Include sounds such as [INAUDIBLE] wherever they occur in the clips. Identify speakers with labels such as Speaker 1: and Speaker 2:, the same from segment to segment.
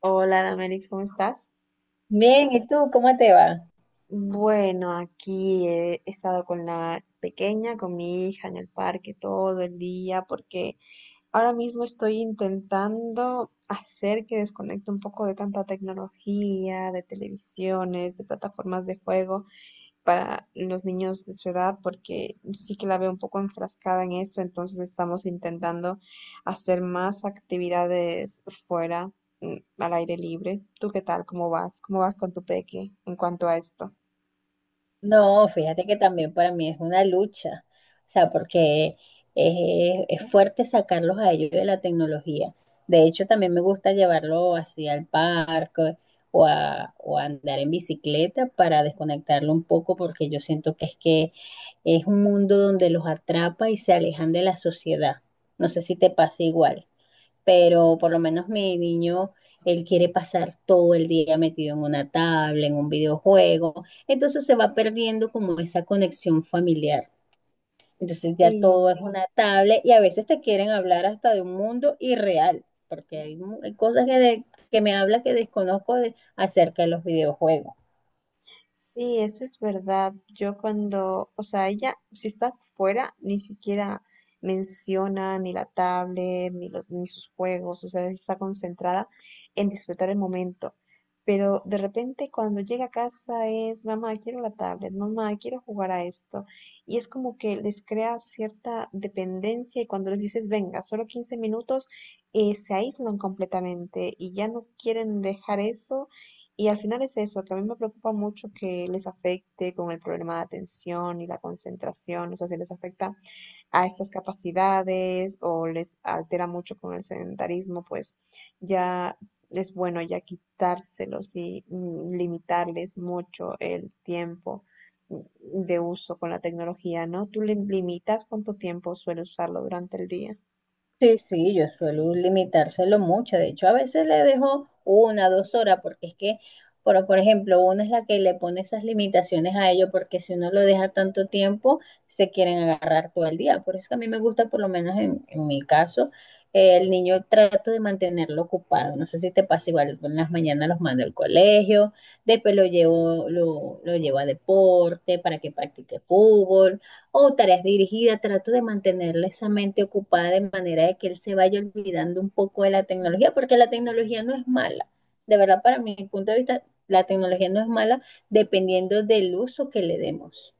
Speaker 1: Hola, Damelix, ¿cómo estás?
Speaker 2: Bien, ¿y tú cómo te va?
Speaker 1: Bueno, aquí he estado con la pequeña, con mi hija en el parque todo el día, porque ahora mismo estoy intentando hacer que desconecte un poco de tanta tecnología, de televisiones, de plataformas de juego para los niños de su edad, porque sí que la veo un poco enfrascada en eso, entonces estamos intentando hacer más actividades fuera, al aire libre. ¿Tú qué tal? ¿Cómo vas? ¿Cómo vas con tu peque en cuanto a esto?
Speaker 2: No, fíjate que también para mí es una lucha, o sea, porque es fuerte sacarlos a ellos de la tecnología. De hecho, también me gusta llevarlo así al parque o a andar en bicicleta para desconectarlo un poco, porque yo siento que es un mundo donde los atrapa y se alejan de la sociedad. No sé si te pasa igual, pero por lo menos mi niño, él quiere pasar todo el día metido en una tabla, en un videojuego, entonces se va perdiendo como esa conexión familiar. Entonces ya
Speaker 1: Sí,
Speaker 2: todo es una tablet y a veces te quieren hablar hasta de un mundo irreal, porque hay, hay cosas que, que me habla que desconozco de, acerca de los videojuegos.
Speaker 1: sí, eso es verdad. Yo cuando, o sea, ella, si está fuera, ni siquiera menciona ni la tablet, ni sus juegos, o sea, está concentrada en disfrutar el momento. Pero de repente cuando llega a casa es, mamá, quiero la tablet, mamá, quiero jugar a esto. Y es como que les crea cierta dependencia y cuando les dices, venga, solo 15 minutos, se aíslan completamente y ya no quieren dejar eso y al final es eso, que a mí me preocupa mucho que les afecte con el problema de atención y la concentración, o sea, si les afecta a estas capacidades o les altera mucho con el sedentarismo, pues ya es bueno ya quitárselos y limitarles mucho el tiempo mm, de uso con la tecnología, ¿no? ¿Tú limitas cuánto tiempo suele usarlo durante el día?
Speaker 2: Sí, sí, yo suelo limitárselo mucho. De hecho, a veces le dejo una, dos horas, porque es que, por ejemplo, una es la que le pone esas limitaciones a ello, porque si uno lo deja tanto tiempo, se quieren agarrar todo el día. Por eso que a mí me gusta, por lo menos en mi caso, el niño trato de mantenerlo ocupado. No sé si te pasa igual, en las mañanas los mando al colegio, después lo llevo, lo llevo a deporte para que practique fútbol o tareas dirigidas, trato de mantenerle esa mente ocupada de manera de que él se vaya olvidando un poco de la tecnología, porque la tecnología no es mala. De verdad, para mi punto de vista, la tecnología no es mala dependiendo del uso que le demos.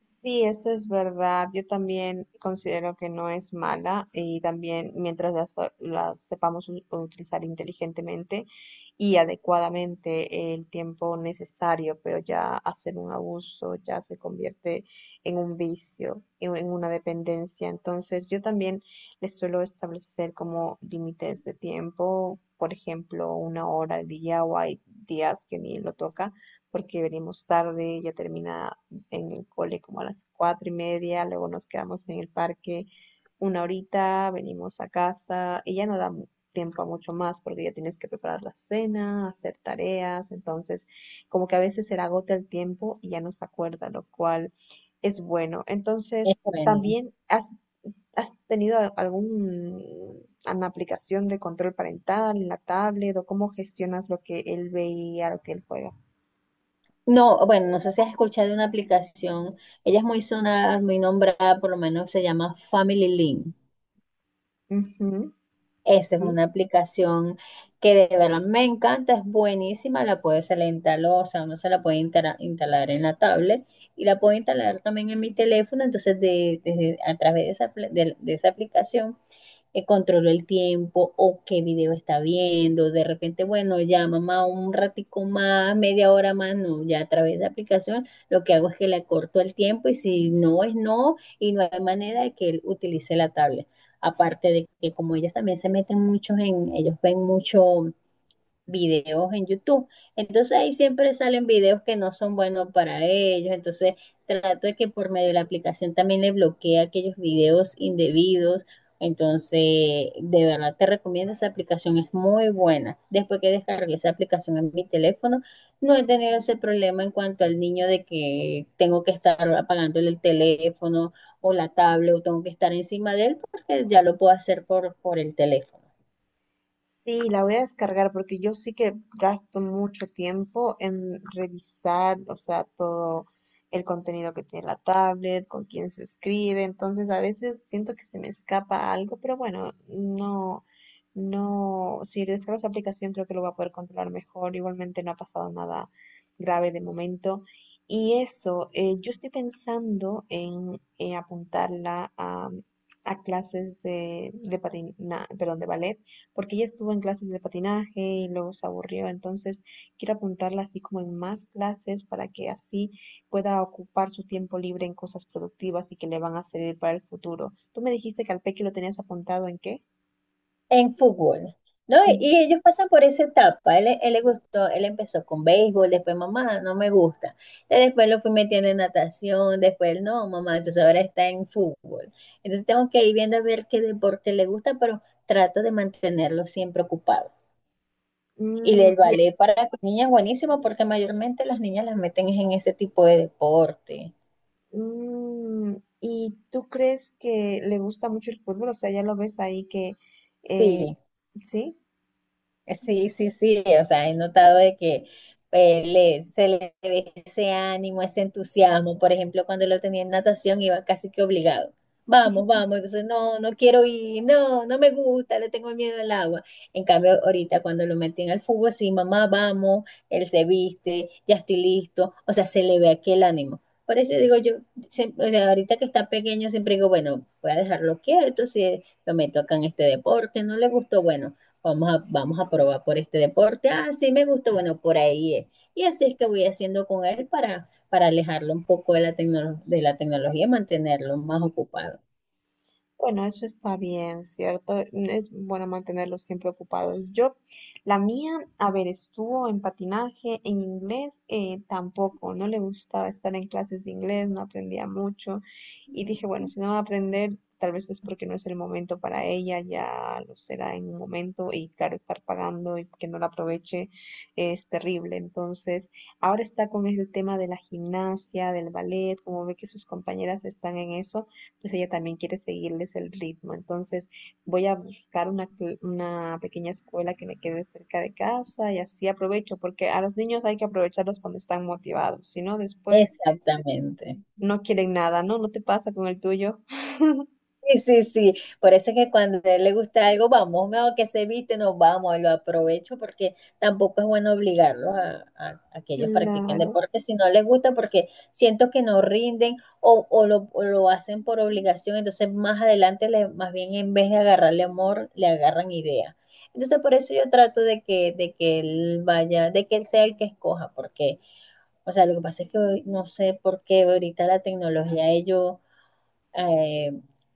Speaker 1: Sí, eso es verdad. Yo también considero que no es mala y también mientras las sepamos utilizar inteligentemente y adecuadamente el tiempo necesario, pero ya hacer un abuso ya se convierte en un vicio, en una dependencia. Entonces, yo también les suelo establecer como límites de tiempo, por ejemplo, una hora al día o hay días que ni lo toca porque venimos tarde, ya termina en el cole como a las 4:30, luego nos quedamos en el parque una horita, venimos a casa y ya no da tiempo a mucho más porque ya tienes que preparar la cena, hacer tareas, entonces como que a veces se le agota el tiempo y ya no se acuerda, lo cual es bueno.
Speaker 2: Es
Speaker 1: Entonces,
Speaker 2: bueno.
Speaker 1: también has tenido algún una aplicación de control parental en la tablet o cómo gestionas lo que él ve y a lo que él juega.
Speaker 2: No, bueno, no sé si has escuchado una aplicación, ella es muy sonada, muy nombrada, por lo menos se llama Family Link.
Speaker 1: Ujú.
Speaker 2: Esa es
Speaker 1: Sí.
Speaker 2: una aplicación que de verdad me encanta, es buenísima, la puedo, se la instaló, o sea, uno se la puede instalar, instalar en la tablet y la puedo instalar también en mi teléfono, entonces de, a través de esa, de esa aplicación controló el tiempo o qué video está viendo. De repente, bueno, ya mamá, un ratico más, media hora más, no, ya a través de aplicación lo que hago es que le corto el tiempo y si no es no y no hay manera de que él utilice la tablet. Aparte de que como ellos también se meten muchos en, ellos ven mucho videos en YouTube. Entonces ahí siempre salen videos que no son buenos para ellos. Entonces trato de que por medio de la aplicación también le bloquee aquellos videos indebidos. Entonces, de verdad te recomiendo esa aplicación, es muy buena. Después que descargué esa aplicación en mi teléfono, no he tenido ese problema en cuanto al niño de que tengo que estar apagándole el teléfono o la tablet o tengo que estar encima de él porque ya lo puedo hacer por el teléfono.
Speaker 1: Sí, la voy a descargar porque yo sí que gasto mucho tiempo en revisar, o sea, todo el contenido que tiene la tablet, con quién se escribe, entonces a veces siento que se me escapa algo, pero bueno, no, no, si descargo esa aplicación creo que lo voy a poder controlar mejor, igualmente no ha pasado nada grave de momento. Y eso, yo estoy pensando en apuntarla a clases de patina, perdón, de ballet porque ella estuvo en clases de patinaje y luego se aburrió, entonces quiero apuntarla así como en más clases para que así pueda ocupar su tiempo libre en cosas productivas y que le van a servir para el futuro. Tú me dijiste que al Peque lo tenías apuntado ¿en qué?
Speaker 2: En fútbol, ¿no? Y,
Speaker 1: En-
Speaker 2: y ellos pasan por esa etapa. Él le gustó, él empezó con béisbol, después mamá, no me gusta. Y después lo fui metiendo en natación, después no, mamá, entonces ahora está en fútbol. Entonces tengo que ir viendo a ver qué deporte le gusta, pero trato de mantenerlo siempre ocupado. Y el
Speaker 1: y,
Speaker 2: ballet para las niñas es buenísimo porque mayormente las niñas las meten en ese tipo de deporte.
Speaker 1: mm, ¿y tú crees que le gusta mucho el fútbol? O sea, ya lo ves ahí que,
Speaker 2: Sí.
Speaker 1: ¿sí?
Speaker 2: Sí, sí, sí, o sea, he notado de que se le ve ese ánimo, ese entusiasmo. Por ejemplo, cuando lo tenía en natación iba casi que obligado. Vamos, vamos, entonces no, no quiero ir, no, no me gusta, le tengo miedo al agua. En cambio, ahorita cuando lo meten al fútbol, sí, mamá, vamos, él se viste, ya estoy listo, o sea, se le ve aquel ánimo. Por eso digo yo, o sea, ahorita que está pequeño, siempre digo, bueno, voy a dejarlo quieto, si lo meto acá en este deporte, no le gustó, bueno. Vamos a probar por este deporte. Ah, sí me gustó, bueno, por ahí es. Y así es que voy haciendo con él para alejarlo un poco de la, de la tecnología y mantenerlo más ocupado.
Speaker 1: Bueno, eso está bien, ¿cierto? Es bueno mantenerlos siempre ocupados. Yo, la mía, a ver, estuvo en patinaje, en inglés, tampoco, no le gustaba estar en clases de inglés, no aprendía mucho. Y dije, bueno, si no va a aprender, tal vez es porque no es el momento para ella, ya lo será en un momento. Y claro, estar pagando y que no la aproveche es terrible. Entonces, ahora está con el tema de la gimnasia, del ballet, como ve que sus compañeras están en eso pues ella también quiere seguirles el ritmo. Entonces voy a buscar una pequeña escuela que me quede cerca de casa y así aprovecho, porque a los niños hay que aprovecharlos cuando están motivados, si no después
Speaker 2: Exactamente.
Speaker 1: no quieren nada, ¿no? ¿No te pasa con el tuyo? [LAUGHS]
Speaker 2: Sí, sí, sí. Por eso es que cuando a él le gusta algo, vamos, mejor que se viste, nos vamos, lo aprovecho porque tampoco es bueno obligarlos a, a que ellos practiquen
Speaker 1: Claro.
Speaker 2: deporte si no les gusta, porque siento que no rinden o, o lo hacen por obligación. Entonces, más adelante, más bien en vez de agarrarle amor, le agarran idea. Entonces, por eso yo trato de que él vaya, de que él sea el que escoja, porque, o sea, lo que pasa es que hoy no sé por qué ahorita la tecnología, ellos eh,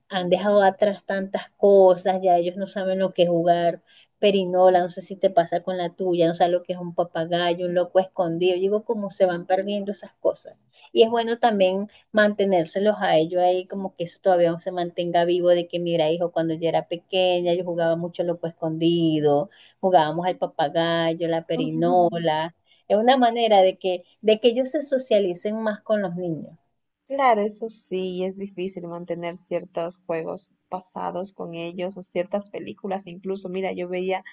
Speaker 2: han dejado atrás tantas cosas, ya ellos no saben lo que es jugar perinola, no sé si te pasa con la tuya, no sabes lo que es un papagayo, un loco escondido, digo, cómo se van perdiendo esas cosas. Y es bueno también mantenérselos a ellos ahí, como que eso todavía se mantenga vivo, de que mira, hijo, cuando yo era pequeña, yo jugaba mucho loco escondido, jugábamos al papagayo, la
Speaker 1: [LAUGHS]
Speaker 2: perinola, es una manera de que ellos se socialicen más con los niños.
Speaker 1: Claro, eso sí, es difícil mantener ciertos juegos pasados con ellos o ciertas películas. Incluso, mira, yo veía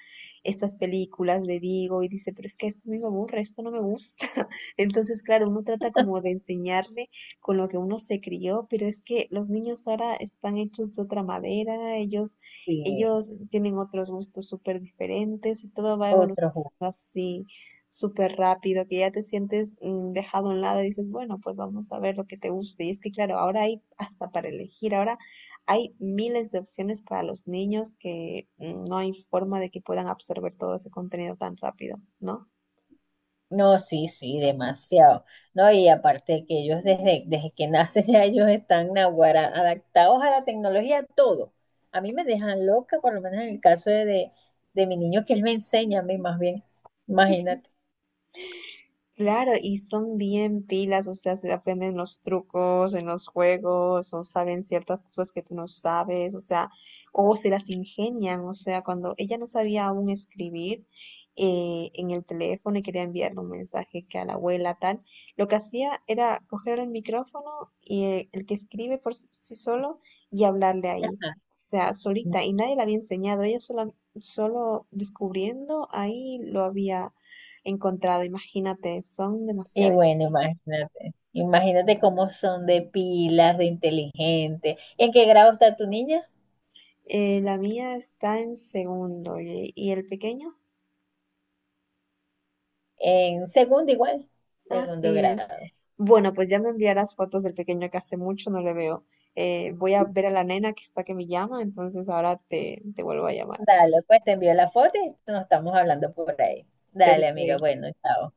Speaker 1: estas películas de Diego y dice, pero es que esto a mí me aburre, esto no me gusta. [LAUGHS] Entonces, claro, uno trata como de enseñarle con lo que uno se crió, pero es que los niños ahora están hechos de otra madera, ellos,
Speaker 2: Sí,
Speaker 1: ellos tienen otros gustos súper diferentes y todo va evolucionando
Speaker 2: otro juego.
Speaker 1: así súper rápido, que ya te sientes dejado a un lado y dices, bueno, pues vamos a ver lo que te guste. Y es que, claro, ahora hay hasta para elegir, ahora hay miles de opciones para los niños que no hay forma de que puedan absorber todo ese contenido tan rápido, ¿no?
Speaker 2: No, sí, sí, demasiado. No, y aparte que ellos desde que [LAUGHS] nacen ya ellos están naguará, adaptados a la tecnología, a todo. A mí me dejan loca, por lo menos en el caso de mi niño, que él me enseña a mí más bien. Imagínate.
Speaker 1: Claro, y son bien pilas, o sea, se aprenden los trucos en los juegos, o saben ciertas cosas que tú no sabes, o sea, o se las ingenian, o sea, cuando ella no sabía aún escribir en el teléfono y quería enviarle un mensaje que a la abuela tal, lo que hacía era coger el micrófono y el que escribe por sí solo y hablarle ahí,
Speaker 2: Ajá.
Speaker 1: o sea, solita, y nadie le había enseñado, ella sola, solo descubriendo ahí lo había encontrado, imagínate, son
Speaker 2: Y
Speaker 1: demasiado.
Speaker 2: bueno, imagínate. Imagínate cómo son de pilas, de inteligente. ¿En qué grado está tu niña?
Speaker 1: La mía está en segundo y el pequeño,
Speaker 2: En segundo igual,
Speaker 1: ah,
Speaker 2: segundo
Speaker 1: sí.
Speaker 2: grado.
Speaker 1: Bueno, pues ya me enviarás fotos del pequeño que hace mucho no le veo. Voy a ver a la nena que está que me llama, entonces ahora te vuelvo a llamar.
Speaker 2: Dale, pues te envío la foto y nos estamos hablando por ahí. Dale, amiga.
Speaker 1: Perfecto.
Speaker 2: Bueno, chao.